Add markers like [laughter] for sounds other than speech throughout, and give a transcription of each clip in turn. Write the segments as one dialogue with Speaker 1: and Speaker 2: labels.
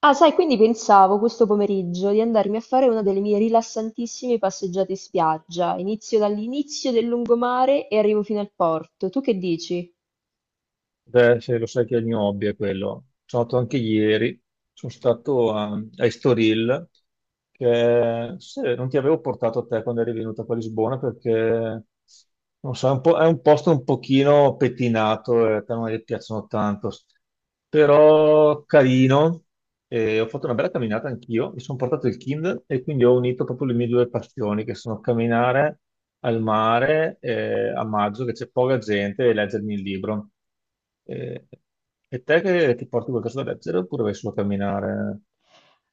Speaker 1: Ah, sai, quindi pensavo questo pomeriggio di andarmi a fare una delle mie rilassantissime passeggiate in spiaggia. Inizio dall'inizio del lungomare e arrivo fino al porto. Tu che dici?
Speaker 2: Beh, se lo sai che il mio hobby è quello. Sono stato anche ieri, sono stato a Estoril, che se, non ti avevo portato a te quando eri venuta qua a Lisbona perché non so, è un posto un pochino pettinato e a te non ti piacciono tanto, però carino. E ho fatto una bella camminata anch'io, mi sono portato il Kindle e quindi ho unito proprio le mie due passioni, che sono camminare al mare a maggio, che c'è poca gente, e leggermi il libro. E, e te che ti porti qualcosa da leggere oppure vai solo a camminare?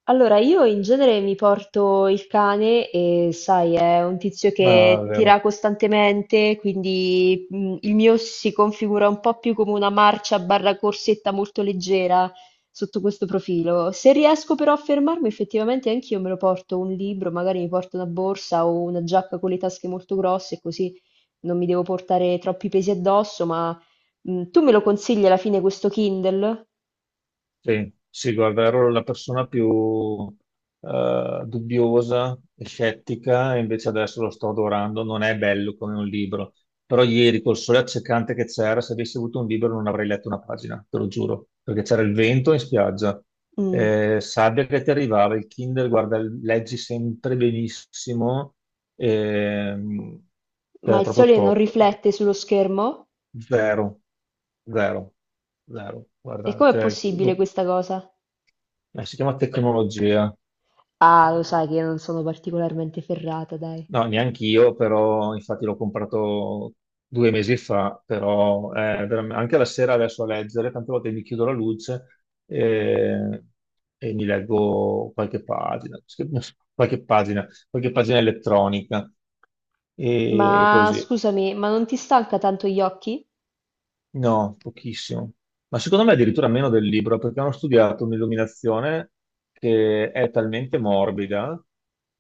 Speaker 1: Allora, io in genere mi porto il cane e sai, è un tizio
Speaker 2: Ah,
Speaker 1: che
Speaker 2: vero.
Speaker 1: tira costantemente, quindi il mio si configura un po' più come una marcia barra corsetta molto leggera sotto questo profilo. Se riesco però a fermarmi, effettivamente anch'io me lo porto un libro, magari mi porto una borsa o una giacca con le tasche molto grosse, così non mi devo portare troppi pesi addosso, ma tu me lo consigli alla fine questo Kindle?
Speaker 2: Sì, sì, guarda, ero la persona più dubbiosa e scettica, e invece adesso lo sto adorando. Non è bello come un libro, però ieri col sole accecante che c'era, se avessi avuto un libro non avrei letto una pagina, te lo giuro, perché c'era il vento in spiaggia,
Speaker 1: Mm.
Speaker 2: sabbia che ti arrivava, il Kindle, guarda, leggi sempre benissimo, ehm,
Speaker 1: Ma
Speaker 2: è
Speaker 1: il
Speaker 2: proprio
Speaker 1: sole non
Speaker 2: top,
Speaker 1: riflette sullo schermo?
Speaker 2: zero, zero, zero,
Speaker 1: E
Speaker 2: guarda,
Speaker 1: com'è
Speaker 2: cioè,
Speaker 1: possibile questa cosa?
Speaker 2: si chiama tecnologia.
Speaker 1: Ah, lo sai che io non sono particolarmente ferrata, dai.
Speaker 2: No, neanche io, però infatti l'ho comprato 2 mesi fa, però anche la sera adesso a leggere, tante volte mi chiudo la luce e, mi leggo qualche pagina, [laughs] qualche pagina elettronica e
Speaker 1: Ma
Speaker 2: così.
Speaker 1: scusami, ma non ti stanca tanto gli occhi?
Speaker 2: No, pochissimo. Ma secondo me addirittura meno del libro, perché hanno studiato un'illuminazione che è talmente morbida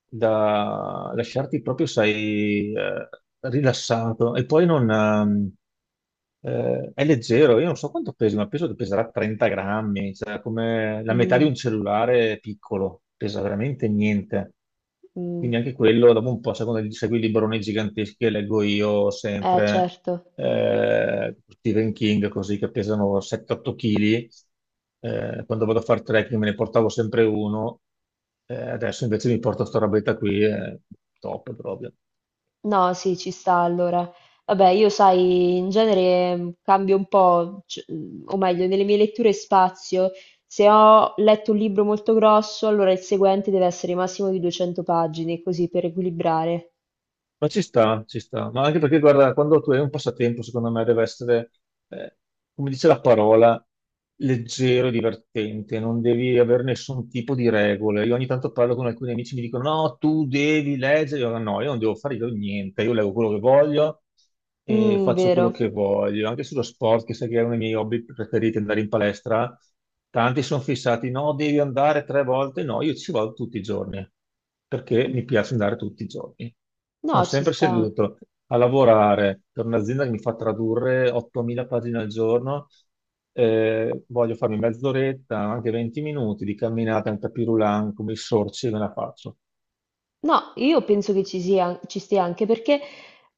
Speaker 2: da lasciarti proprio, sai, rilassato. E poi non, è leggero, io non so quanto pesi, ma penso che peserà 30 grammi, cioè come la metà di
Speaker 1: Mm.
Speaker 2: un cellulare piccolo, pesa veramente niente.
Speaker 1: Mm.
Speaker 2: Quindi anche quello, dopo un po', sai, quando segui i libroni giganteschi che leggo io
Speaker 1: Eh,
Speaker 2: sempre,
Speaker 1: certo.
Speaker 2: Stephen King, così che pesano 7-8 kg, quando vado a fare trekking me ne portavo sempre uno, adesso invece mi porto sta robetta qui, è top proprio.
Speaker 1: No, sì, ci sta allora. Vabbè, io sai, in genere cambio un po', o meglio, nelle mie letture spazio. Se ho letto un libro molto grosso, allora il seguente deve essere massimo di 200 pagine, così per equilibrare.
Speaker 2: Ma ci sta, ma anche perché guarda, quando tu hai un passatempo, secondo me deve essere, eh, come dice la parola, leggero e divertente, non devi avere nessun tipo di regole. Io ogni tanto parlo con alcuni amici, mi dicono no, tu devi leggere, io no, io non devo fare io niente, io leggo quello che voglio, e
Speaker 1: Mm,
Speaker 2: faccio quello
Speaker 1: vero.
Speaker 2: che voglio. Anche sullo sport, che sai che è uno dei miei hobby preferiti, andare in palestra, tanti sono fissati, no, devi andare 3 volte, no, io ci vado tutti i giorni, perché
Speaker 1: Mm.
Speaker 2: mi piace andare tutti i giorni. Sono
Speaker 1: No, ci
Speaker 2: sempre
Speaker 1: sta.
Speaker 2: seduto a lavorare per un'azienda che mi fa tradurre 8.000 pagine al giorno, voglio farmi mezz'oretta, anche 20 minuti di camminata in tapis roulant, come i sorci, e me la faccio.
Speaker 1: No, io penso che ci sia, ci stia anche perché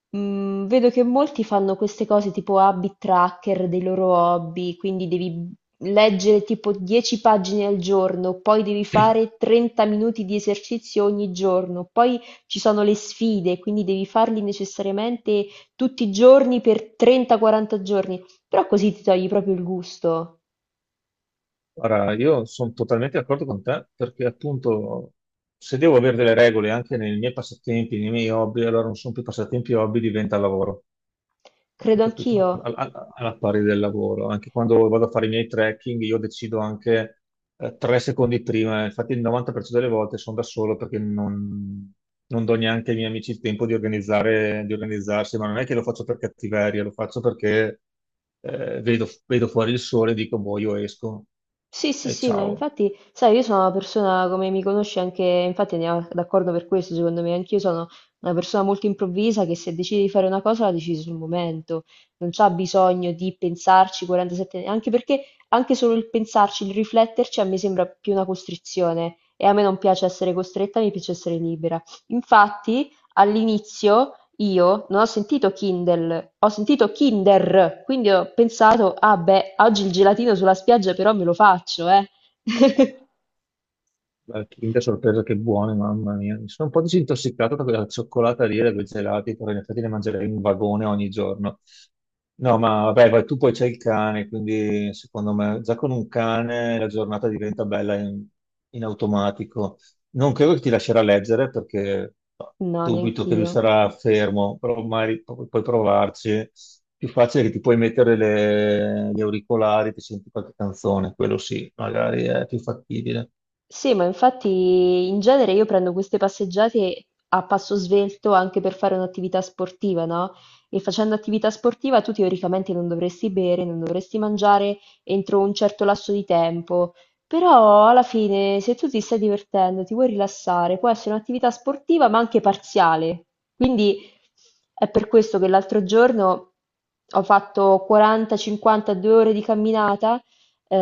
Speaker 1: vedo che molti fanno queste cose tipo habit tracker dei loro hobby, quindi devi leggere tipo 10 pagine al giorno, poi devi
Speaker 2: [laughs]
Speaker 1: fare 30 minuti di esercizio ogni giorno, poi ci sono le sfide, quindi devi farli necessariamente tutti i giorni per 30-40 giorni, però così ti togli proprio il gusto,
Speaker 2: Ora, io sono totalmente d'accordo con te perché appunto se devo avere delle regole anche nei miei passatempi, nei miei hobby, allora non sono più passatempi e hobby, diventa lavoro. Hai
Speaker 1: credo
Speaker 2: capito?
Speaker 1: anch'io.
Speaker 2: Alla pari del lavoro, anche quando vado a fare i miei trekking, io decido anche 3 secondi prima. Infatti, il 90% delle volte sono da solo perché non do neanche ai miei amici il tempo di organizzare, di organizzarsi. Ma non è che lo faccio per cattiveria, lo faccio perché vedo fuori il sole e dico, boh, io esco
Speaker 1: Sì, sì,
Speaker 2: e
Speaker 1: sì, ma
Speaker 2: ciao.
Speaker 1: infatti, sai, io sono una persona, come mi conosci anche, infatti andiamo d'accordo per questo, secondo me, anch'io sono una persona molto improvvisa che se decide di fare una cosa la decide sul momento, non c'ha bisogno di pensarci 47, anche perché anche solo il pensarci, il rifletterci a me sembra più una costrizione e a me non piace essere costretta, mi piace essere libera. Infatti, all'inizio io non ho sentito Kindle, ho sentito Kinder, quindi ho pensato, ah beh, oggi il gelatino sulla spiaggia però me lo faccio, eh. [laughs]
Speaker 2: La Kinder sorpresa che buone, mamma mia. Mi sono un po' disintossicato da quella cioccolata lì, da quei gelati, però in effetti ne mangerei un vagone ogni giorno. No, ma vabbè, vai, tu poi c'hai il cane, quindi secondo me già con un cane la giornata diventa bella in automatico. Non credo che ti lascerà leggere perché no,
Speaker 1: No,
Speaker 2: dubito che lui
Speaker 1: neanch'io.
Speaker 2: sarà fermo, però magari puoi provarci. Più facile che ti puoi mettere gli auricolari, ti senti qualche canzone, quello sì, magari è più fattibile.
Speaker 1: Sì, ma infatti in genere io prendo queste passeggiate a passo svelto anche per fare un'attività sportiva, no? E facendo attività sportiva tu teoricamente non dovresti bere, non dovresti mangiare entro un certo lasso di tempo, però alla fine se tu ti stai divertendo, ti vuoi rilassare, può essere un'attività sportiva ma anche parziale. Quindi è per questo che l'altro giorno ho fatto 40-52 ore di camminata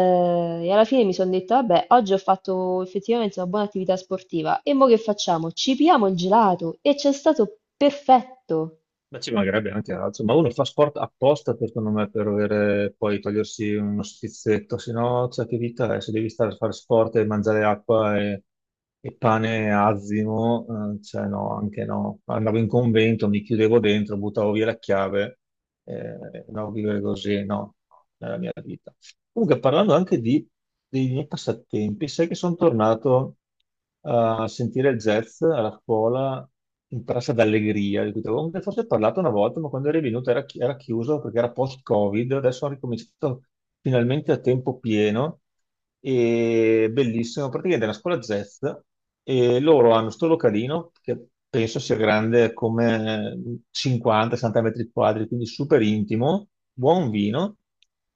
Speaker 1: e alla fine mi sono detta, vabbè, oggi ho fatto effettivamente una buona attività sportiva. E mo che facciamo? Ci piamo il gelato e c'è stato perfetto.
Speaker 2: Ma ci mancherebbe anche altro, ma uno fa sport apposta secondo me per avere, poi togliersi uno schizzetto, se no cioè, che vita è, se devi stare a fare sport e mangiare acqua e pane azimo, cioè no, anche no. Andavo in convento, mi chiudevo dentro, buttavo via la chiave, no, vivere così no, nella mia vita. Comunque, parlando anche dei miei passatempi, sai che sono tornato a sentire il jazz alla scuola in Piazza d'Allegria, di cui ti avevo forse parlato una volta, ma quando eri venuto era chiuso perché era post-Covid, adesso ho ricominciato finalmente a tempo pieno e bellissimo, praticamente è una scuola jazz e loro hanno sto localino che penso sia grande come 50-60 metri quadri, quindi super intimo, buon vino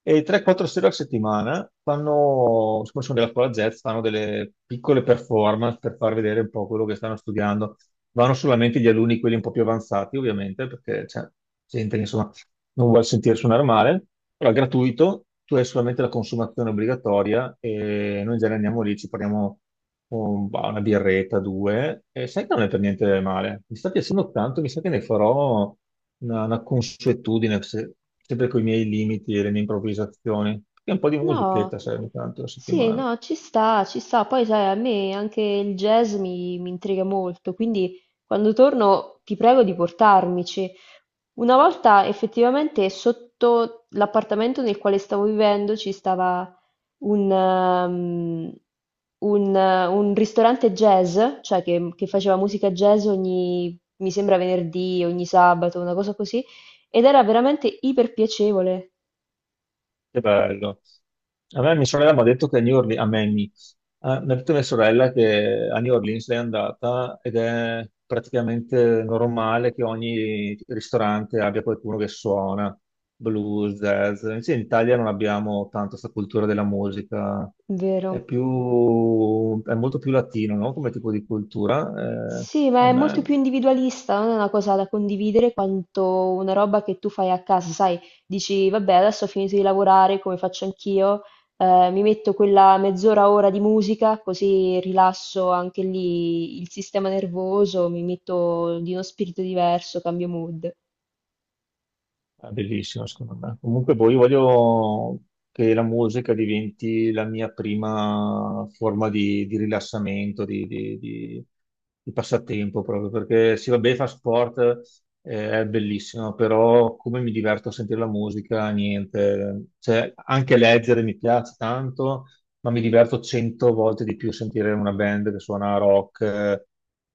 Speaker 2: e 3-4 sere a settimana fanno, siccome sono della scuola jazz, fanno delle piccole performance per far vedere un po' quello che stanno studiando. Vanno solamente gli alunni, quelli un po' più avanzati, ovviamente, perché c'è gente che insomma non vuole sentire suonare male, però è gratuito, tu hai solamente la consumazione obbligatoria e noi in genere andiamo lì, ci prendiamo una birretta, due, e sai che non è per niente male. Mi sta piacendo tanto, mi sa che ne farò una consuetudine, sempre con i miei limiti e le mie improvvisazioni, e un po' di
Speaker 1: No,
Speaker 2: musichetta serve tanto la
Speaker 1: sì,
Speaker 2: settimana.
Speaker 1: no, ci sta, ci sta. Poi sai, a me anche il jazz mi intriga molto, quindi quando torno ti prego di portarmici. Una volta effettivamente sotto l'appartamento nel quale stavo vivendo ci stava un, ehm, un ristorante jazz, cioè che faceva musica jazz ogni, mi sembra venerdì, ogni sabato, una cosa così, ed era veramente iper piacevole,
Speaker 2: Che bello. A me mia sorella mi ha detto che a New Orleans, a me, mi Ah, mi ha detto mia sorella che a New Orleans lei è andata ed è praticamente normale che ogni ristorante abbia qualcuno che suona blues, jazz. Invece in Italia non abbiamo tanto questa cultura della musica,
Speaker 1: vero.
Speaker 2: è più, è molto più latino, no? Come tipo di cultura.
Speaker 1: Sì,
Speaker 2: A
Speaker 1: ma è molto più
Speaker 2: me.
Speaker 1: individualista, non è una cosa da condividere quanto una roba che tu fai a casa, sai, dici, vabbè, adesso ho finito di lavorare, come faccio anch'io, mi metto quella mezz'ora, ora di musica, così rilasso anche lì il sistema nervoso, mi metto di uno spirito diverso, cambio mood.
Speaker 2: È bellissimo, secondo me. Comunque, poi io voglio che la musica diventi la mia prima forma di rilassamento, di passatempo, proprio perché sì, vabbè, fa sport, è bellissimo, però come mi diverto a sentire la musica, niente. Cioè, anche leggere mi piace tanto, ma mi diverto 100 volte di più sentire una band che suona rock,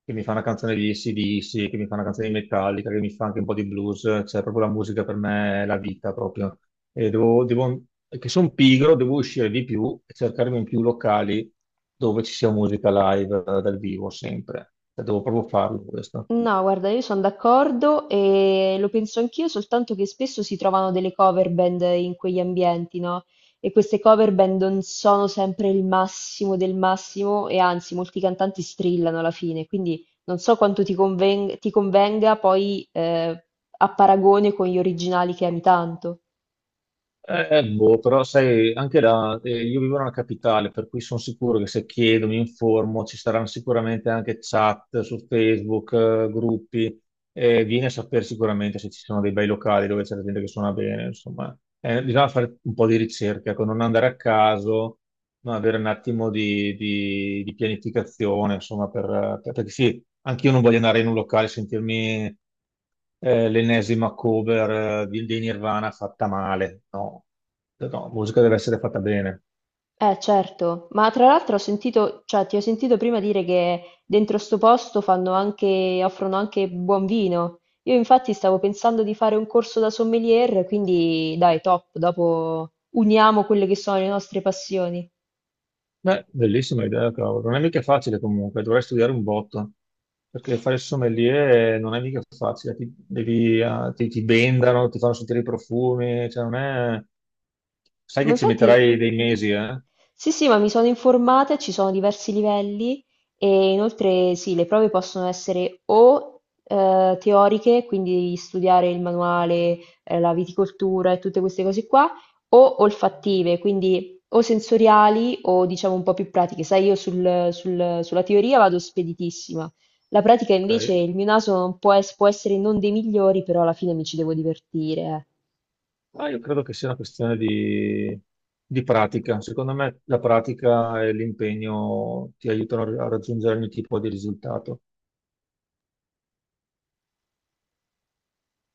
Speaker 2: che mi fa una canzone di AC/DC, che mi fa una canzone di Metallica, che mi fa anche un po' di blues, cioè proprio la musica per me è la vita proprio. E devo, devo- che sono pigro, devo uscire di più e cercarmi in più locali dove ci sia musica live dal vivo sempre. Cioè, devo proprio farlo questo.
Speaker 1: No, guarda, io sono d'accordo e lo penso anch'io, soltanto che spesso si trovano delle cover band in quegli ambienti, no? E queste cover band non sono sempre il massimo del massimo e anzi, molti cantanti strillano alla fine, quindi non so quanto ti convenga poi a paragone con gli originali che ami tanto.
Speaker 2: Boh, però sai, anche là, io vivo nella capitale, per cui sono sicuro che se chiedo, mi informo, ci saranno sicuramente anche chat su Facebook, gruppi, vieni a sapere sicuramente se ci sono dei bei locali dove c'è la gente che suona bene, insomma. Bisogna fare un po' di ricerca, ecco, non andare a caso, ma avere un attimo di pianificazione, insomma, perché sì, anche io non voglio andare in un locale e sentirmi l'ennesima cover dei Nirvana fatta male. No, cioè, no, la musica deve essere fatta bene.
Speaker 1: Eh certo, ma tra l'altro ho sentito, cioè ti ho sentito prima dire che dentro sto posto fanno anche, offrono anche buon vino. Io infatti stavo pensando di fare un corso da sommelier, quindi dai, top, dopo uniamo quelle che sono le nostre passioni.
Speaker 2: Beh, bellissima idea, cavolo. Non è mica facile comunque, dovrei studiare un botto, perché fare il sommelier non è mica facile, ti bendano, ti fanno sentire i profumi, cioè non è. Sai
Speaker 1: Ma
Speaker 2: che ci
Speaker 1: infatti,
Speaker 2: metterai dei mesi, eh?
Speaker 1: sì, sì, ma mi sono informata, ci sono diversi livelli e inoltre sì, le prove possono essere o teoriche, quindi studiare il manuale, la viticoltura e tutte queste cose qua, o olfattive, quindi o sensoriali o diciamo un po' più pratiche. Sai, io sulla teoria vado speditissima. La pratica
Speaker 2: Ok.
Speaker 1: invece, il mio naso non può, può essere non dei migliori, però alla fine mi ci devo divertire. Eh.
Speaker 2: Ma io credo che sia una questione di pratica. Secondo me la pratica e l'impegno ti aiutano a raggiungere ogni tipo di risultato.